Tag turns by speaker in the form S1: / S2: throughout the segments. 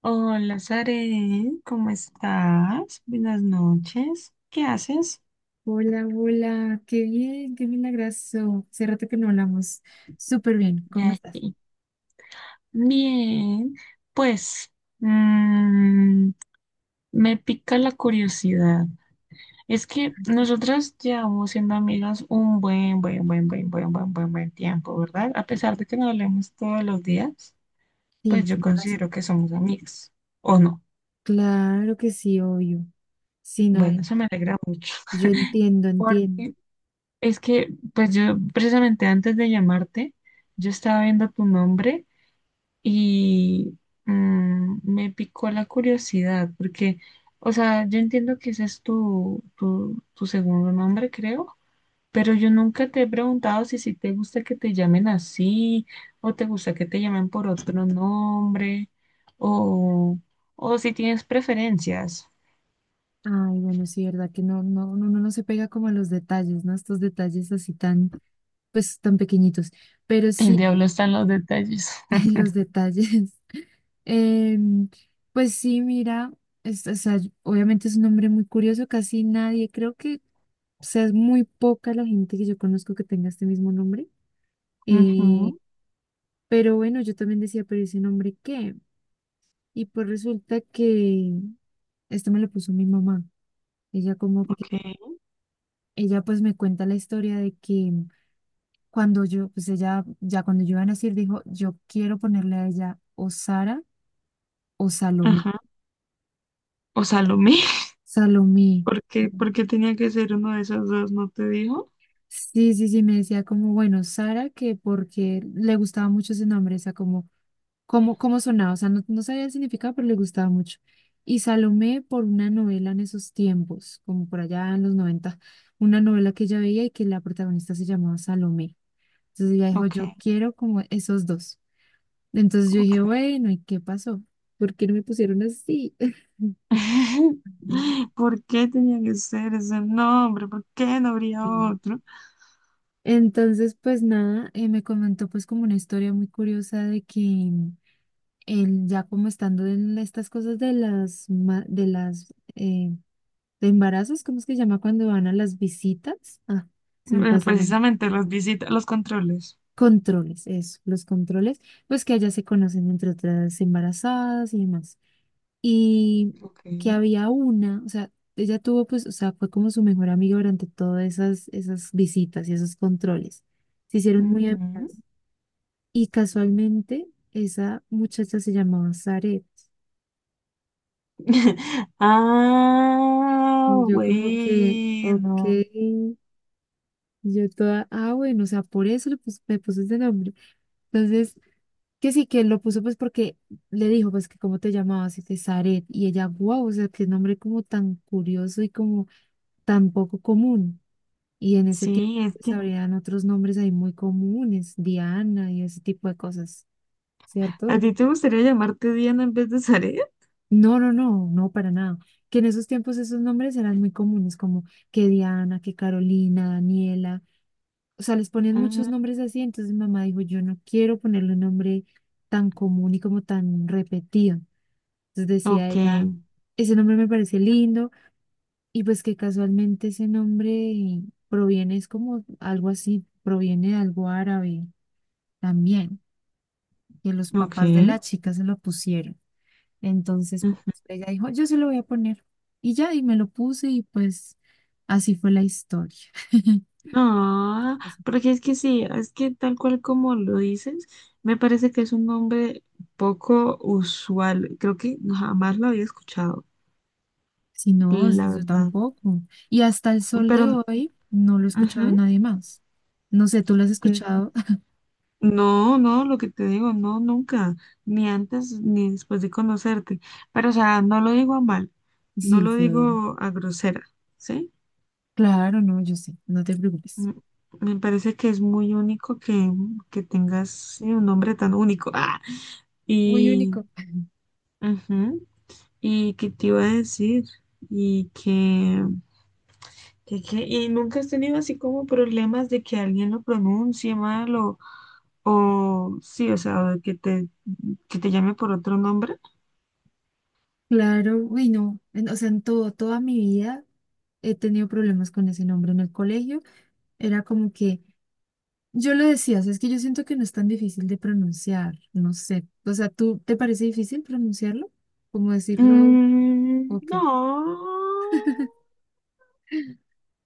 S1: Hola, Sare, ¿cómo estás? Buenas noches. ¿Qué haces?
S2: Hola, hola, qué bien, qué milagroso. Hace rato que no hablamos. Súper bien, ¿cómo
S1: Ya
S2: estás?
S1: sí. Bien, pues mm, me pica la curiosidad. Es que nosotras llevamos siendo amigas un buen tiempo, ¿verdad? A pesar de que nos hablemos todos los días,
S2: Sí,
S1: pues yo
S2: tienes razón.
S1: considero que somos amigas, ¿o no?
S2: Claro que sí, obvio. Sí, no,
S1: Bueno, eso me alegra mucho.
S2: yo entiendo, entiendo.
S1: Porque es que, pues yo precisamente antes de llamarte, yo estaba viendo tu nombre y me picó la curiosidad, porque, o sea, yo entiendo que ese es tu segundo nombre, creo, pero yo nunca te he preguntado si te gusta que te llamen así, o te gusta que te llamen por otro nombre, o, o si tienes preferencias.
S2: Ay, bueno, sí, verdad que no, no, no, uno no se pega como a los detalles, ¿no? Estos detalles así tan, pues, tan pequeñitos. Pero
S1: El
S2: sí.
S1: diablo está en los detalles.
S2: Los detalles. Em, pues sí, mira, o sea, obviamente es un hombre muy curioso, casi nadie, creo que, o sea, es muy poca la gente que yo conozco que tenga este mismo nombre. Eh,
S1: Ujú.
S2: pero bueno, yo también decía, ¿pero ese nombre qué? Y pues resulta que esto me lo puso mi mamá. Ella como que,
S1: Ok,
S2: ella pues me cuenta la historia de que cuando yo, pues ella, ya cuando yo iba a nacer, dijo, yo quiero ponerle a ella o Sara o Salomé.
S1: ajá. O Salomé.
S2: Salomé.
S1: Por qué tenía que ser uno de esos dos? ¿No te dijo?
S2: Sí, sí, sí, me decía como, bueno, Sara, que porque le gustaba mucho ese nombre, o sea, como, cómo sonaba, o sea, no sabía el significado, pero le gustaba mucho. Y Salomé por una novela en esos tiempos, como por allá en los 90, una novela que ella veía y que la protagonista se llamaba Salomé. Entonces ella dijo,
S1: Ok,
S2: yo quiero como esos dos. Entonces yo dije,
S1: ok.
S2: bueno, ¿y qué pasó? ¿Por qué no me pusieron así? Mira.
S1: ¿Por qué tenía que ser ese nombre? ¿Por qué no habría
S2: Sí.
S1: otro?
S2: Entonces, pues nada, me comentó pues como una historia muy curiosa de que él ya como estando en estas cosas de las ma- de las de embarazos. ¿Cómo es que se llama cuando van a las visitas? Ah, se me pasa el nombre.
S1: Precisamente las visitas, los controles.
S2: Controles, eso, los controles, pues que allá se conocen entre otras embarazadas y demás. Y
S1: Ok.
S2: que había una, o sea, ella tuvo pues, o sea, fue como su mejor amiga durante todas esas visitas y esos controles. Se hicieron muy
S1: Ujú.
S2: amigas. Y casualmente esa muchacha se llamaba Zaret.
S1: Ah,
S2: Y yo como que, ok,
S1: bueno.
S2: yo toda, ah, bueno, o sea, por eso me puse ese nombre. Entonces, que sí, que lo puso pues porque le dijo, pues que cómo te llamabas, y que Zaret. Y ella, wow, o sea, qué nombre como tan curioso y como tan poco común. Y en ese tiempo
S1: Sí, es
S2: pues
S1: que
S2: habrían otros nombres ahí muy comunes, Diana y ese tipo de cosas, ¿cierto?
S1: a ti te gustaría llamarte Diana en vez de Zaret.
S2: No, no, no, no, para nada. Que en esos tiempos esos nombres eran muy comunes, como que Diana, que Carolina, Daniela. O sea, les ponían muchos
S1: Ah,
S2: nombres así. Entonces mi mamá dijo, yo no quiero ponerle un nombre tan común y como tan repetido. Entonces decía
S1: ok,
S2: ella, ese nombre me parece lindo y pues que casualmente ese nombre proviene, es como algo así, proviene de algo árabe también, que los
S1: ok.
S2: papás de la chica se lo pusieron. Entonces, pues, ella dijo, yo se lo voy a poner. Y ya, y me lo puse y pues así fue la historia.
S1: No, porque es que sí, es que tal cual como lo dices, me parece que es un nombre poco usual. Creo que jamás lo había escuchado,
S2: Si no, o sea,
S1: la
S2: yo
S1: verdad.
S2: tampoco. Y hasta el sol
S1: Pero,
S2: de hoy no lo he escuchado de
S1: ujú,
S2: nadie más. No sé, ¿tú lo has
S1: y
S2: escuchado?
S1: no, no, lo que te digo, no, nunca, ni antes ni después de conocerte. Pero, o sea, no lo digo a mal, no
S2: Sí,
S1: lo
S2: sí, obvio.
S1: digo a grosera, ¿sí?
S2: Claro, no, yo sé, no te preocupes.
S1: Mm, me parece que es muy único que tengas sí, un nombre tan único. Ah,
S2: Muy
S1: y.
S2: único.
S1: Ujú. Y que te iba a decir, y que, y nunca has tenido así como problemas de que alguien lo pronuncie mal o sí, o sea, o que te llame por otro nombre.
S2: Claro, uy, no. O sea, en todo, toda mi vida he tenido problemas con ese nombre en el colegio. Era como que Yo lo decía, o sea, es que yo siento que no es tan difícil de pronunciar, no sé. O sea, ¿tú te parece difícil pronunciarlo? ¿Cómo decirlo?
S1: Mm,
S2: ¿O qué?
S1: no.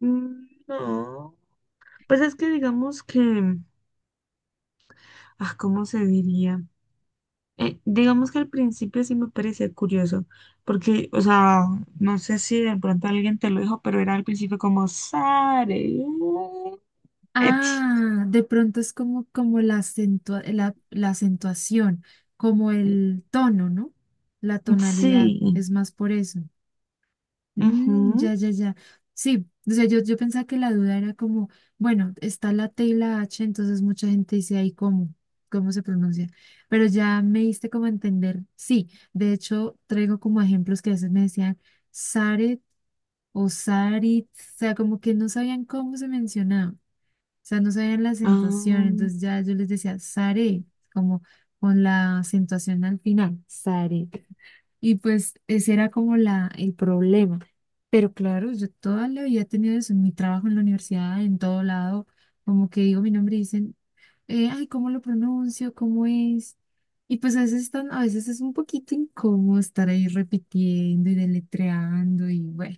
S1: Mm, no. Pues es que digamos que, ah, ¿cómo se diría? Digamos que al principio sí me parecía curioso, porque, o sea, no sé si de pronto alguien te lo dijo, pero era al principio como Sare. Ech,
S2: Ah, de pronto es como, la, la acentuación, como el tono, ¿no? La tonalidad,
S1: Sí.
S2: es más por eso. Mm, ya,
S1: Ujú,
S2: ya, ya. Sí, o sea, yo pensaba que la duda era como, bueno, está la T y la H, entonces mucha gente dice ahí cómo se pronuncia. Pero ya me diste como a entender. Sí, de hecho, traigo como ejemplos que a veces me decían Saret o Sarit, o sea, como que no sabían cómo se mencionaba sea, no sabían la acentuación,
S1: am,
S2: entonces ya yo les decía, Sare, como con la acentuación al final, Sare. Y pues ese era como el problema. Pero claro, yo toda la vida he tenido eso en mi trabajo, en la universidad, en todo lado, como que digo mi nombre y dicen, ay, ¿cómo lo pronuncio? ¿Cómo es? Y pues a veces están, a veces es un poquito incómodo estar ahí repitiendo y deletreando y bueno,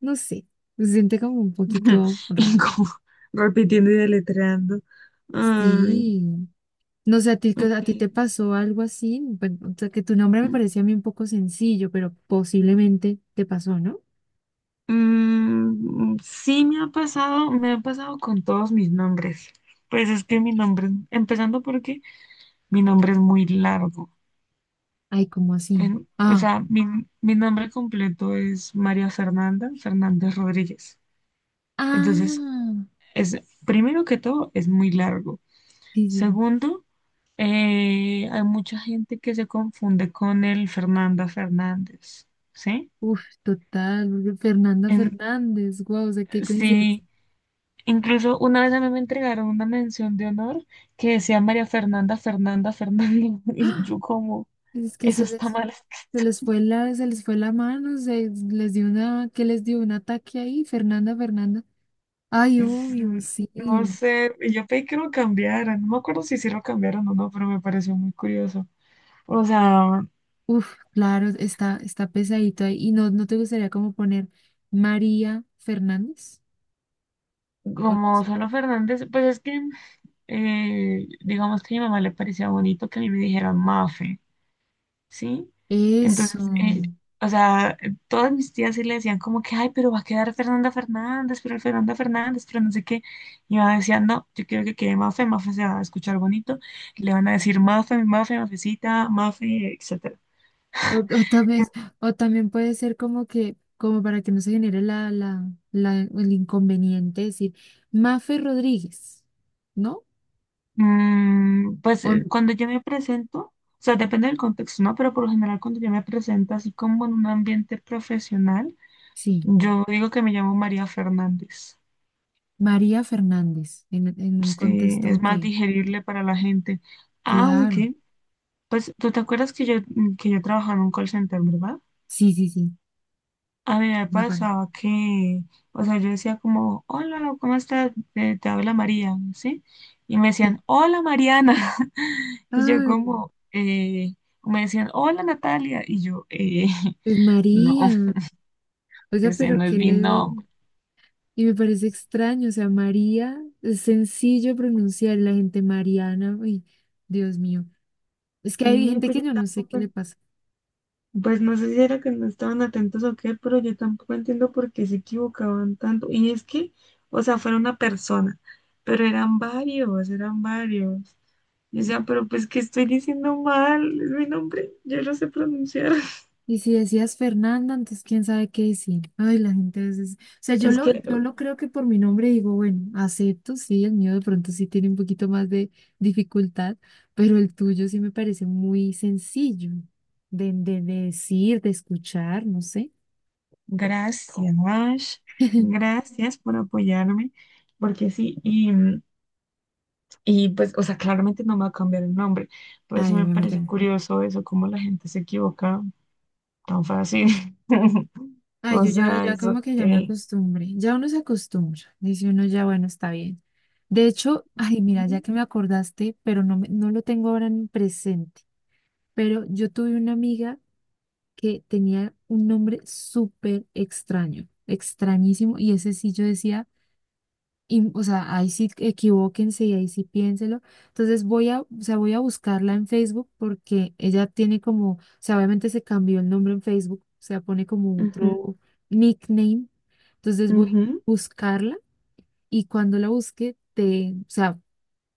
S2: no sé, se siente como un poquito
S1: y
S2: raro.
S1: como repitiendo y deletreando. Ay,
S2: Sí, no sé, a ti,
S1: ok.
S2: a ti te pasó algo así, bueno, o sea, que tu nombre me parecía a mí un poco sencillo, pero posiblemente te pasó, ¿no?
S1: Mm, sí me ha pasado con todos mis nombres. Pues es que mi nombre, empezando porque mi nombre es muy largo.
S2: Ay, ¿cómo así?
S1: O
S2: Ah,
S1: sea, mi nombre completo es María Fernanda Fernández Rodríguez. Entonces,
S2: ah,
S1: es, primero que todo, es muy largo.
S2: sí, sí, sí.
S1: Segundo, hay mucha gente que se confunde con el Fernanda Fernández, ¿sí?
S2: Uf, total, porque Fernanda
S1: En-
S2: Fernández, guau, o sea, qué coincidencia.
S1: sí, incluso una vez a mí me entregaron una mención de honor que decía María Fernanda Fernanda Fernanda y
S2: ¡Ah!
S1: yo como,
S2: Es que
S1: eso está mal.
S2: se les fue la mano, se les dio una, que les dio un ataque ahí, Fernanda Fernanda. Ay,
S1: Es-
S2: obvio,
S1: No
S2: sí.
S1: sé, y yo pedí que lo cambiaran, no me acuerdo si sí lo cambiaron o no, pero me pareció muy curioso. O sea,
S2: Uf, claro, está pesadito ahí. ¿Y no te gustaría como poner María Fernández? O no sé.
S1: como solo Fernández, pues es que, digamos que a mi mamá le parecía bonito que a mí me dijeran Mafe. ¿Sí?
S2: Eso.
S1: Entonces, o sea, todas mis tías sí le decían como que, ay, pero va a quedar Fernanda Fernández, pero no sé qué. Y yo decía, no, yo quiero que quede Mafe, Mafe se va a escuchar bonito, le van a decir Mafe, Mafe, Mafecita, Mafe, etcétera.
S2: O
S1: Eh,
S2: también, o también puede ser como que, como para que no se genere el inconveniente, decir Mafe Rodríguez, ¿no?
S1: Mm, pues
S2: O,
S1: cuando yo me presento, o sea, depende del contexto, ¿no? Pero por lo general cuando yo me presento así como en un ambiente profesional,
S2: sí,
S1: yo digo que me llamo María Fernández.
S2: María Fernández, en un
S1: Sí,
S2: contexto,
S1: es
S2: ok,
S1: más digerible para la gente.
S2: claro.
S1: Aunque, pues, ¿tú te acuerdas que que yo trabajaba en un call center, ¿verdad?
S2: Sí, sí, sí,
S1: A mí me
S2: me acuerdo.
S1: pasaba que, o sea, yo decía como, hola, ¿cómo estás? Te habla María, ¿sí? Y me
S2: Sí.
S1: decían, hola Mariana. Y yo
S2: Ay,
S1: como, me decían, hola Natalia. Y yo,
S2: pues
S1: no,
S2: María. Oiga,
S1: ese
S2: pero
S1: no es
S2: qué
S1: mi
S2: le
S1: nombre.
S2: Y me parece extraño, o sea, María, es sencillo pronunciar la gente Mariana, uy, Dios mío. Es que hay
S1: Sí,
S2: gente
S1: pues
S2: que
S1: yo
S2: yo no sé qué
S1: tampoco.
S2: le pasa.
S1: Pues no sé si era que no estaban atentos o qué, pero yo tampoco entiendo por qué se equivocaban tanto. Y es que, o sea, fuera una persona, pero eran varios, eran varios. Y o sea, pero pues que estoy diciendo mal, es mi nombre, yo lo sé pronunciar.
S2: Y si decías Fernanda, entonces quién sabe qué decir. Ay, la gente a veces, o sea, yo
S1: Es
S2: lo,
S1: que,
S2: yo lo creo que por mi nombre digo, bueno, acepto, sí, el mío de pronto sí tiene un poquito más de dificultad, pero el tuyo sí me parece muy sencillo de decir, de escuchar, no sé.
S1: gracias, ash, gracias por apoyarme, porque sí, y pues, o sea, claramente no me va a cambiar el nombre, por eso
S2: Ay,
S1: me parece
S2: obviamente.
S1: curioso eso, cómo la gente se equivoca tan fácil.
S2: Ay,
S1: O
S2: yo ya,
S1: sea,
S2: ya
S1: eso
S2: como que ya me
S1: qué.
S2: acostumbré, ya uno se acostumbra, dice uno ya, bueno, está bien. De hecho, ay, mira, ya que me acordaste, pero no, no lo tengo ahora en presente, pero yo tuve una amiga que tenía un nombre súper extraño, extrañísimo, y ese sí yo decía. Y, o sea, ahí sí equivóquense y ahí sí piénselo. Entonces voy a, o sea, voy a buscarla en Facebook porque ella tiene como, o sea, obviamente se cambió el nombre en Facebook, o sea, pone como
S1: Ujú,
S2: otro nickname. Entonces voy a
S1: ujú.
S2: buscarla y cuando la busque, o sea,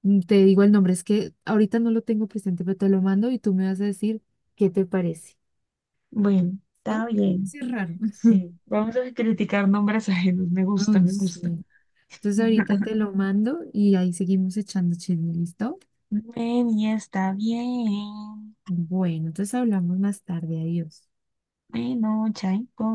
S2: te digo el nombre. Es que ahorita no lo tengo presente, pero te lo mando y tú me vas a decir qué te parece.
S1: Bueno,
S2: ¿No?
S1: está
S2: Sí,
S1: bien.
S2: es raro.
S1: Sí, vamos a criticar nombres ajenos. Me gusta,
S2: Ay,
S1: me gusta.
S2: sí. Entonces ahorita te lo mando y ahí seguimos echando chisme, ¿listo?
S1: Bueno, ya está bien.
S2: Bueno, entonces hablamos más tarde. Adiós.
S1: Bueno, chaito.